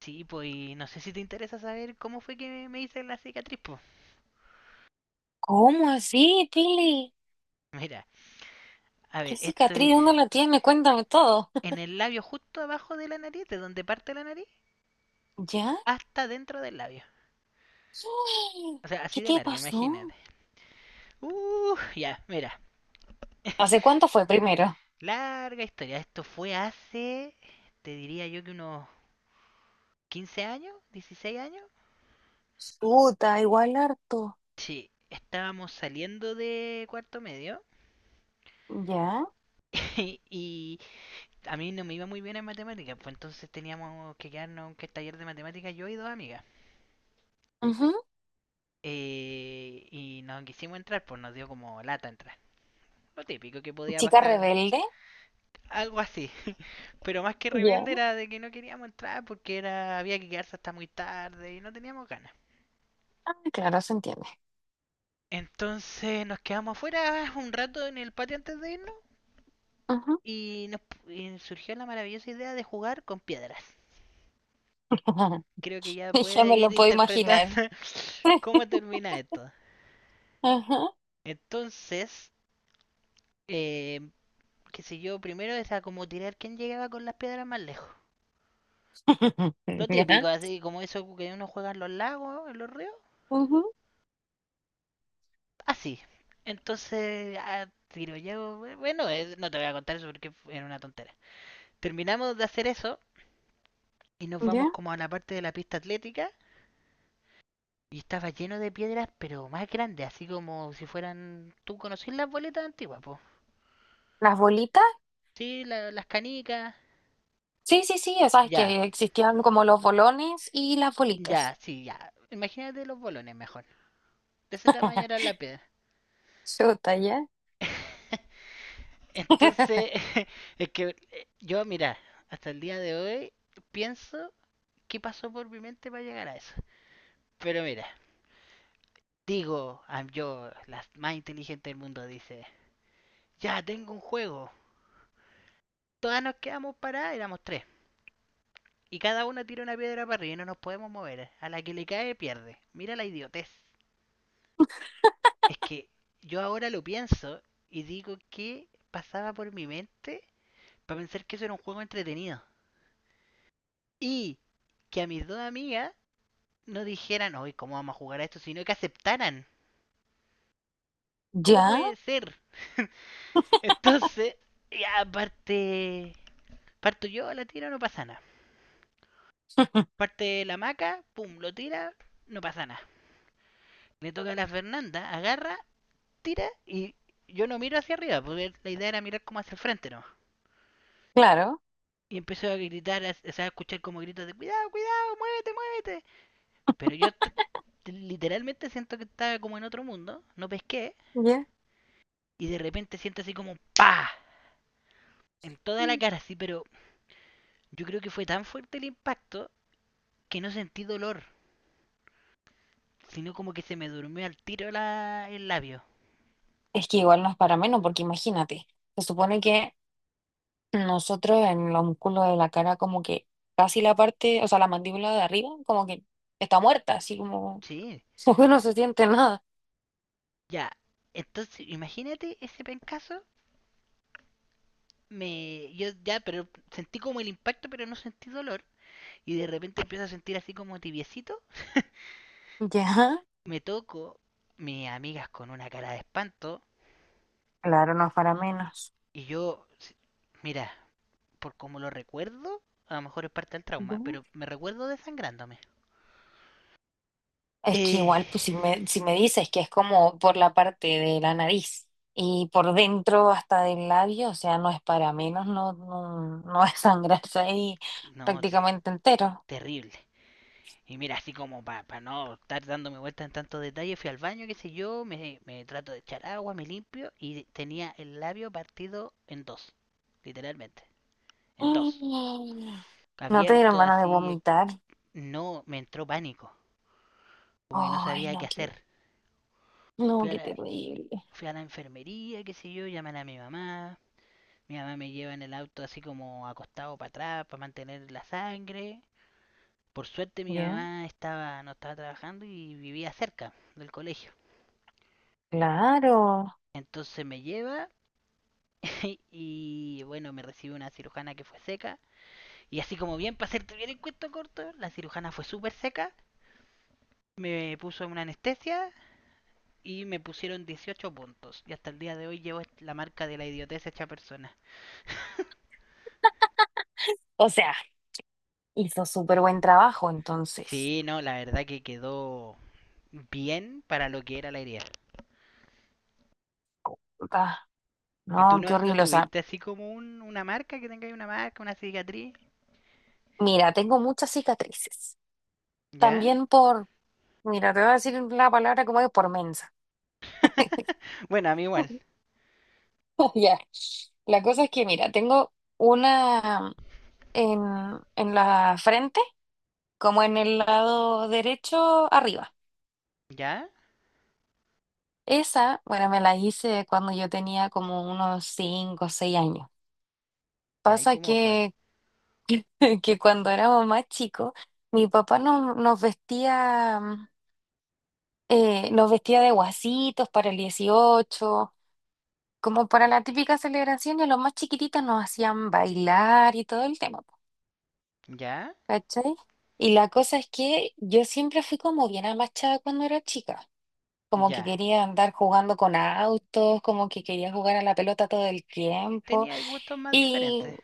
Sí, pues y no sé si te interesa saber cómo fue que me hice la cicatriz, pues. ¿Cómo así, Pili? Mira, a ver, ¿Qué esto es cicatriz? ¿Dónde la tiene? Cuéntame todo. en el labio justo abajo de la nariz, de donde parte la nariz, ¿Ya? hasta dentro del labio. Uy, O sea, ¿qué así de te larga, pasó? imagínate. Ya, mira. ¿Hace cuánto fue primero? Larga historia. Esto fue hace, te diría yo que unos 15 años, 16 años. Puta, igual harto. Sí, estábamos saliendo de cuarto medio ¿Ya? y, a mí no me iba muy bien en matemáticas, pues entonces teníamos que quedarnos en que taller de matemáticas yo y dos amigas. Ujú. Y nos quisimos entrar, pues nos dio como lata entrar. Lo típico que podía ¿Chica pasar, rebelde? algo así. Pero más que rebelde ¿Ya? era de que no queríamos entrar porque era había que quedarse hasta muy tarde y no teníamos ganas. Ah, claro, se entiende. Entonces nos quedamos afuera un rato en el patio antes de irnos Ujú. y nos y surgió la maravillosa idea de jugar con piedras. Creo que ya Ya puede me ir lo puedo interpretando imaginar. cómo termina esto. Ajá. Entonces, eh, qué sé yo, primero era como tirar quién llegaba con las piedras más lejos. Lo ¿Ya? típico, así como eso que uno juega en los lagos, en los ríos. Ujú. Así. Entonces, ah, tiro yo. Bueno, no te voy a contar eso porque era una tontera. Terminamos de hacer eso y nos vamos ¿Ya? como a la parte de la pista atlética y estaba lleno de piedras, pero más grandes, así como si fueran. ¿Tú conocís las boletas antiguas, po? ¿Las bolitas? Sí, las canicas. Sí, sí, sí, ya sabes Ya, que existían como los bolones y las ya, bolitas. sí, ya. Imagínate los bolones mejor. De ese tamaño era la piedra. Chuta, ¿ya? Entonces, es que yo, mira, hasta el día de hoy pienso qué pasó por mi mente para llegar a eso. Pero mira, digo, yo, la más inteligente del mundo, dice, ya tengo un juego. Todas nos quedamos paradas, éramos tres. Y cada una tira una piedra para arriba y no nos podemos mover. A la que le cae pierde. Mira la idiotez. Es que yo ahora lo pienso y digo qué pasaba por mi mente para pensar que eso era un juego entretenido. Y que a mis dos amigas no dijeran, hoy ¿cómo vamos a jugar a esto? Sino que aceptaran. ¿Cómo ¿Ya? puede ser? Entonces, ya parte... Parto yo, la tiro, no pasa nada. Parte la maca, pum, lo tira, no pasa nada. Le toca a la Fernanda, agarra, tira y yo no miro hacia arriba, porque la idea era mirar como hacia el frente, ¿no? Claro. Y empezó a gritar, o sea, a escuchar como gritos de cuidado, cuidado, muévete, muévete. Pero yo literalmente siento que estaba como en otro mundo, no pesqué. ¿Ya? Y de repente siente así como un pa en toda la cara, así, pero yo creo que fue tan fuerte el impacto que no sentí dolor, sino como que se me durmió al tiro la, el labio. Es que igual no es para menos, porque imagínate, se supone que nosotros en los músculos de la cara como que casi la parte, o sea, la mandíbula de arriba como que está muerta, así como, Sí, como que no se siente nada. ya. Entonces, imagínate ese pencazo. Me, yo ya, pero sentí como el impacto, pero no sentí dolor. Y de repente empiezo a sentir así como tibiecito. ¿Ya? Me toco, mis amigas con una cara de espanto. Claro, no es para menos. Y yo, mira, por como lo recuerdo, a lo mejor es parte del ¿Ya? trauma, pero me recuerdo desangrándome. Es que Eh, igual, pues si me dices que es como por la parte de la nariz y por dentro hasta del labio, o sea, no es para menos, no, no, no va a sangrarse ahí no, prácticamente entero. terrible. Y mira, así como para no estar dándome vueltas en tantos detalles, fui al baño, qué sé yo, me trato de echar agua, me limpio y tenía el labio partido en dos, literalmente, en dos. Mm. ¿No te dieron Abierto ganas de así, vomitar? no, me entró pánico, como que no Ay, sabía qué no, qué, hacer. Fui no, a qué la, terrible. fui a la enfermería, qué sé yo, llaman a mi mamá. Mi mamá me lleva en el auto así como acostado para atrás para mantener la sangre. Por suerte mi Ya, mamá estaba, no estaba trabajando y vivía cerca del colegio. claro. Entonces me lleva y y bueno, me recibe una cirujana que fue seca. Y así como bien, para hacerte bien el cuento corto, la cirujana fue súper seca. Me puso una anestesia y me pusieron 18 puntos. Y hasta el día de hoy llevo la marca de la idiotez hecha persona. O sea, hizo súper buen trabajo entonces. Sí, no, la verdad que quedó bien para lo que era la herida. Ah, ¿Y tú no, qué no, no horrible. O sea, tuviste así como una marca, que tenga ahí una marca, una cicatriz? mira, tengo muchas cicatrices. ¿Ya? También por, mira, te voy a decir la palabra como es, por mensa. Bueno, a mí igual. Ya. La cosa es que, mira, tengo una en, en la frente, como en el lado derecho arriba. ¿Ya? Esa, bueno, me la hice cuando yo tenía como unos 5 o 6 años. ¿Ya? ¿Y Pasa cómo fue? que, que cuando éramos más chicos, mi papá nos vestía de guasitos para el 18, como para la típica celebración, y a los más chiquititos nos hacían bailar y todo el tema, po, ¿Ya? ¿cachai? Y la cosa es que yo siempre fui como bien amachada cuando era chica. Como que ¿Ya? quería andar jugando con autos, como que quería jugar a la pelota todo el tiempo. Tenía gustos más Y diferentes.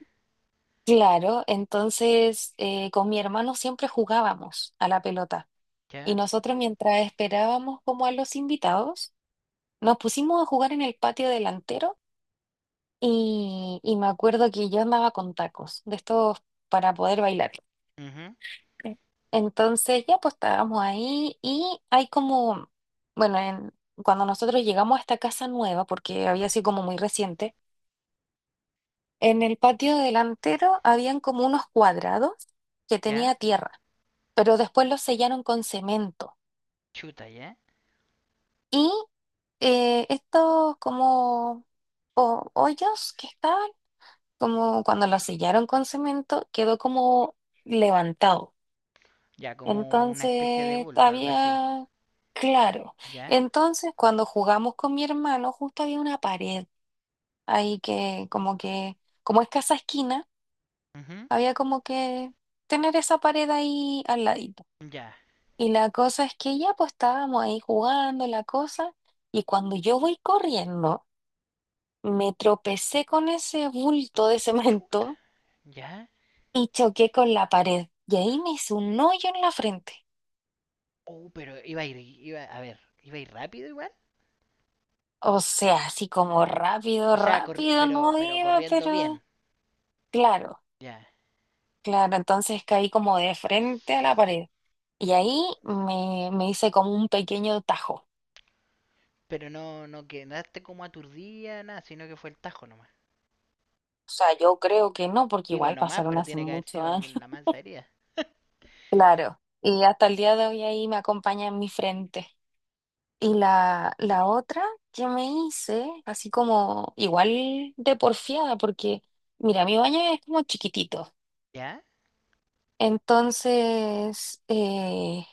claro, entonces con mi hermano siempre jugábamos a la pelota y ¿Ya? nosotros mientras esperábamos como a los invitados, nos pusimos a jugar en el patio delantero y me acuerdo que yo andaba con tacos de estos para poder bailar. Ujú. Sí. Entonces ya pues estábamos ahí y hay como, bueno, cuando nosotros llegamos a esta casa nueva, porque había sido como muy reciente, en el patio delantero habían como unos cuadrados que tenía ¿Ya? tierra, pero después los sellaron con cemento. Chuta, ¿ya? Y estos como hoyos que estaban, como cuando los sellaron con cemento, quedó como levantado. Ya, como una especie de Entonces bulto, algo así. había, claro, ¿Ya? entonces cuando jugamos con mi hermano, justo había una pared ahí que, como es casa esquina Ujú. había como que tener esa pared ahí al ladito. ¿Ya? Y la cosa es que ya pues estábamos ahí jugando la cosa y cuando yo voy corriendo me tropecé con ese bulto de Chuta, cemento ¿ya? y choqué con la pared y ahí me hizo un hoyo en la frente. Oh, pero iba a ir, iba, a ver, iba a ir rápido igual. O sea, así como rápido, O sea, rápido no pero iba, corriendo bien. pero claro, Ya. claro, entonces caí como de frente a la pared y ahí Oh, me hice como un pequeño tajo. pero no, no quedaste como aturdida, nada, sino que fue el tajo nomás. O sea, yo creo que no, porque Digo igual nomás, pasaron pero hace tiene que haber muchos sido años. en la mansa herida. Claro. Y hasta el día de hoy ahí me acompaña en mi frente. Y la otra que me hice, así como igual de porfiada, porque mira, mi baño es como chiquitito. ¿Ya? Entonces,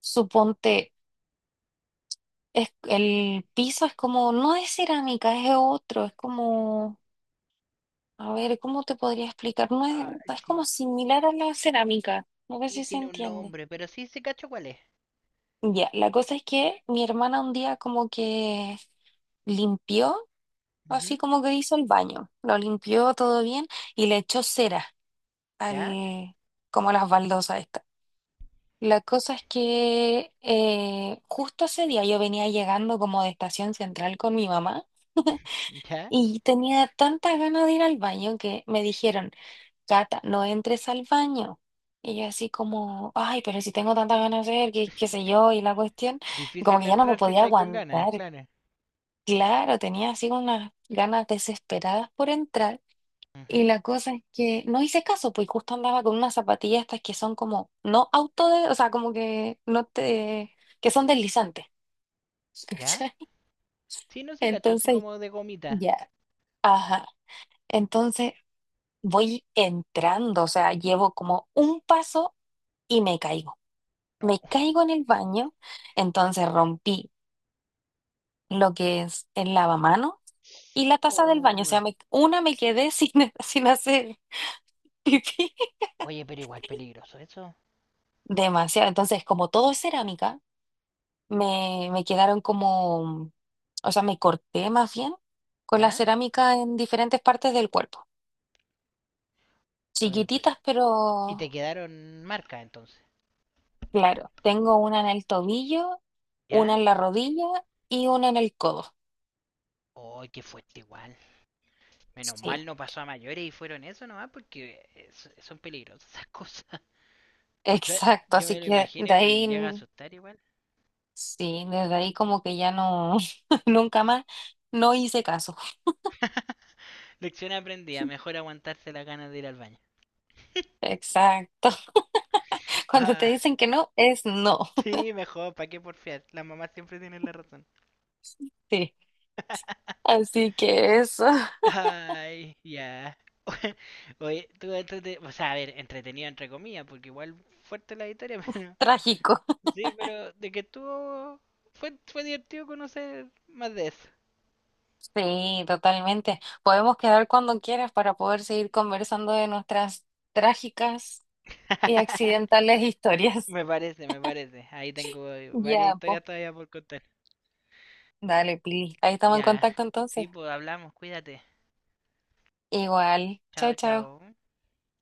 suponte, es, el piso es como, no es cerámica, es otro, es como, a ver, ¿cómo te podría explicar? No es, Ah, es como sí, similar a la cerámica, no sé sí, si se tiene un entiende. nombre, pero sí, sí cacho cuál es. Ya, la cosa es que mi hermana un día como que limpió, así Ujú. como que hizo el baño, lo limpió todo bien y le echó cera ¿Ya? al, como a las baldosas estas. La cosa es que justo ese día yo venía llegando como de Estación Central con mi mamá ¿Ya? y tenía tantas ganas de ir al baño que me dijeron, Cata, no entres al baño. Y yo así como, ay, pero si tengo tantas ganas de ir, qué sé yo, y la cuestión, como Difícil que ya no me entrar si podía estáis con ganas, aguantar. claro. Claro, tenía así unas ganas desesperadas por entrar. Y Ujú. la cosa es que no hice caso, pues justo andaba con unas zapatillas estas que son como, no auto, o sea, como que no te, que son deslizantes. ¿Ya? ¿Cachai? Sí, no, sí cacho, así Entonces, como de gomita. ya, ajá. Entonces voy entrando, o sea, llevo como un paso y me caigo. No. Me caigo en el baño, entonces rompí lo que es el lavamanos y la taza del baño, o Oh, eh, sea, una me quedé sin, sin hacer pipí. oye, pero igual peligroso eso. Demasiado, entonces como todo es cerámica, me quedaron como, o sea, me corté más bien con la ¿Ya? cerámica en diferentes partes del cuerpo. Oye, Chiquititas, pero... y te quedaron marcas entonces. Claro, tengo una en el tobillo, una ¿Ya? en la rodilla y una en el codo. Oh, qué fuerte igual. Menos Sí, mal no pasó a mayores y fueron eso nomás porque son peligrosas esas cosas. O sea, exacto. yo Así me lo que imagino y de me llega a ahí, asustar igual. sí, desde ahí como que ya no, nunca más, no hice caso. Lección aprendida, mejor aguantarse las ganas de ir al baño. Exacto. Cuando te Ah, dicen que no, es no. sí, mejor, ¿para qué porfiar? Las mamás siempre tienen la razón. Sí. Así que eso, Ay, ya. Oye, tú, o sea, a ver, entretenido entre comillas, porque igual fuerte la historia, pero... trágico. Sí, pero de que estuvo... Fue, fue divertido conocer más de eso. Sí, totalmente. Podemos quedar cuando quieras para poder seguir conversando de nuestras trágicas y accidentales historias. Me parece, me parece. Ahí tengo varias Ya, pues. historias todavía por contar. Dale, Pili. Ahí estamos en Ya. contacto entonces. Sí, pues hablamos, cuídate. Igual. Chao, Chao, chao. chao.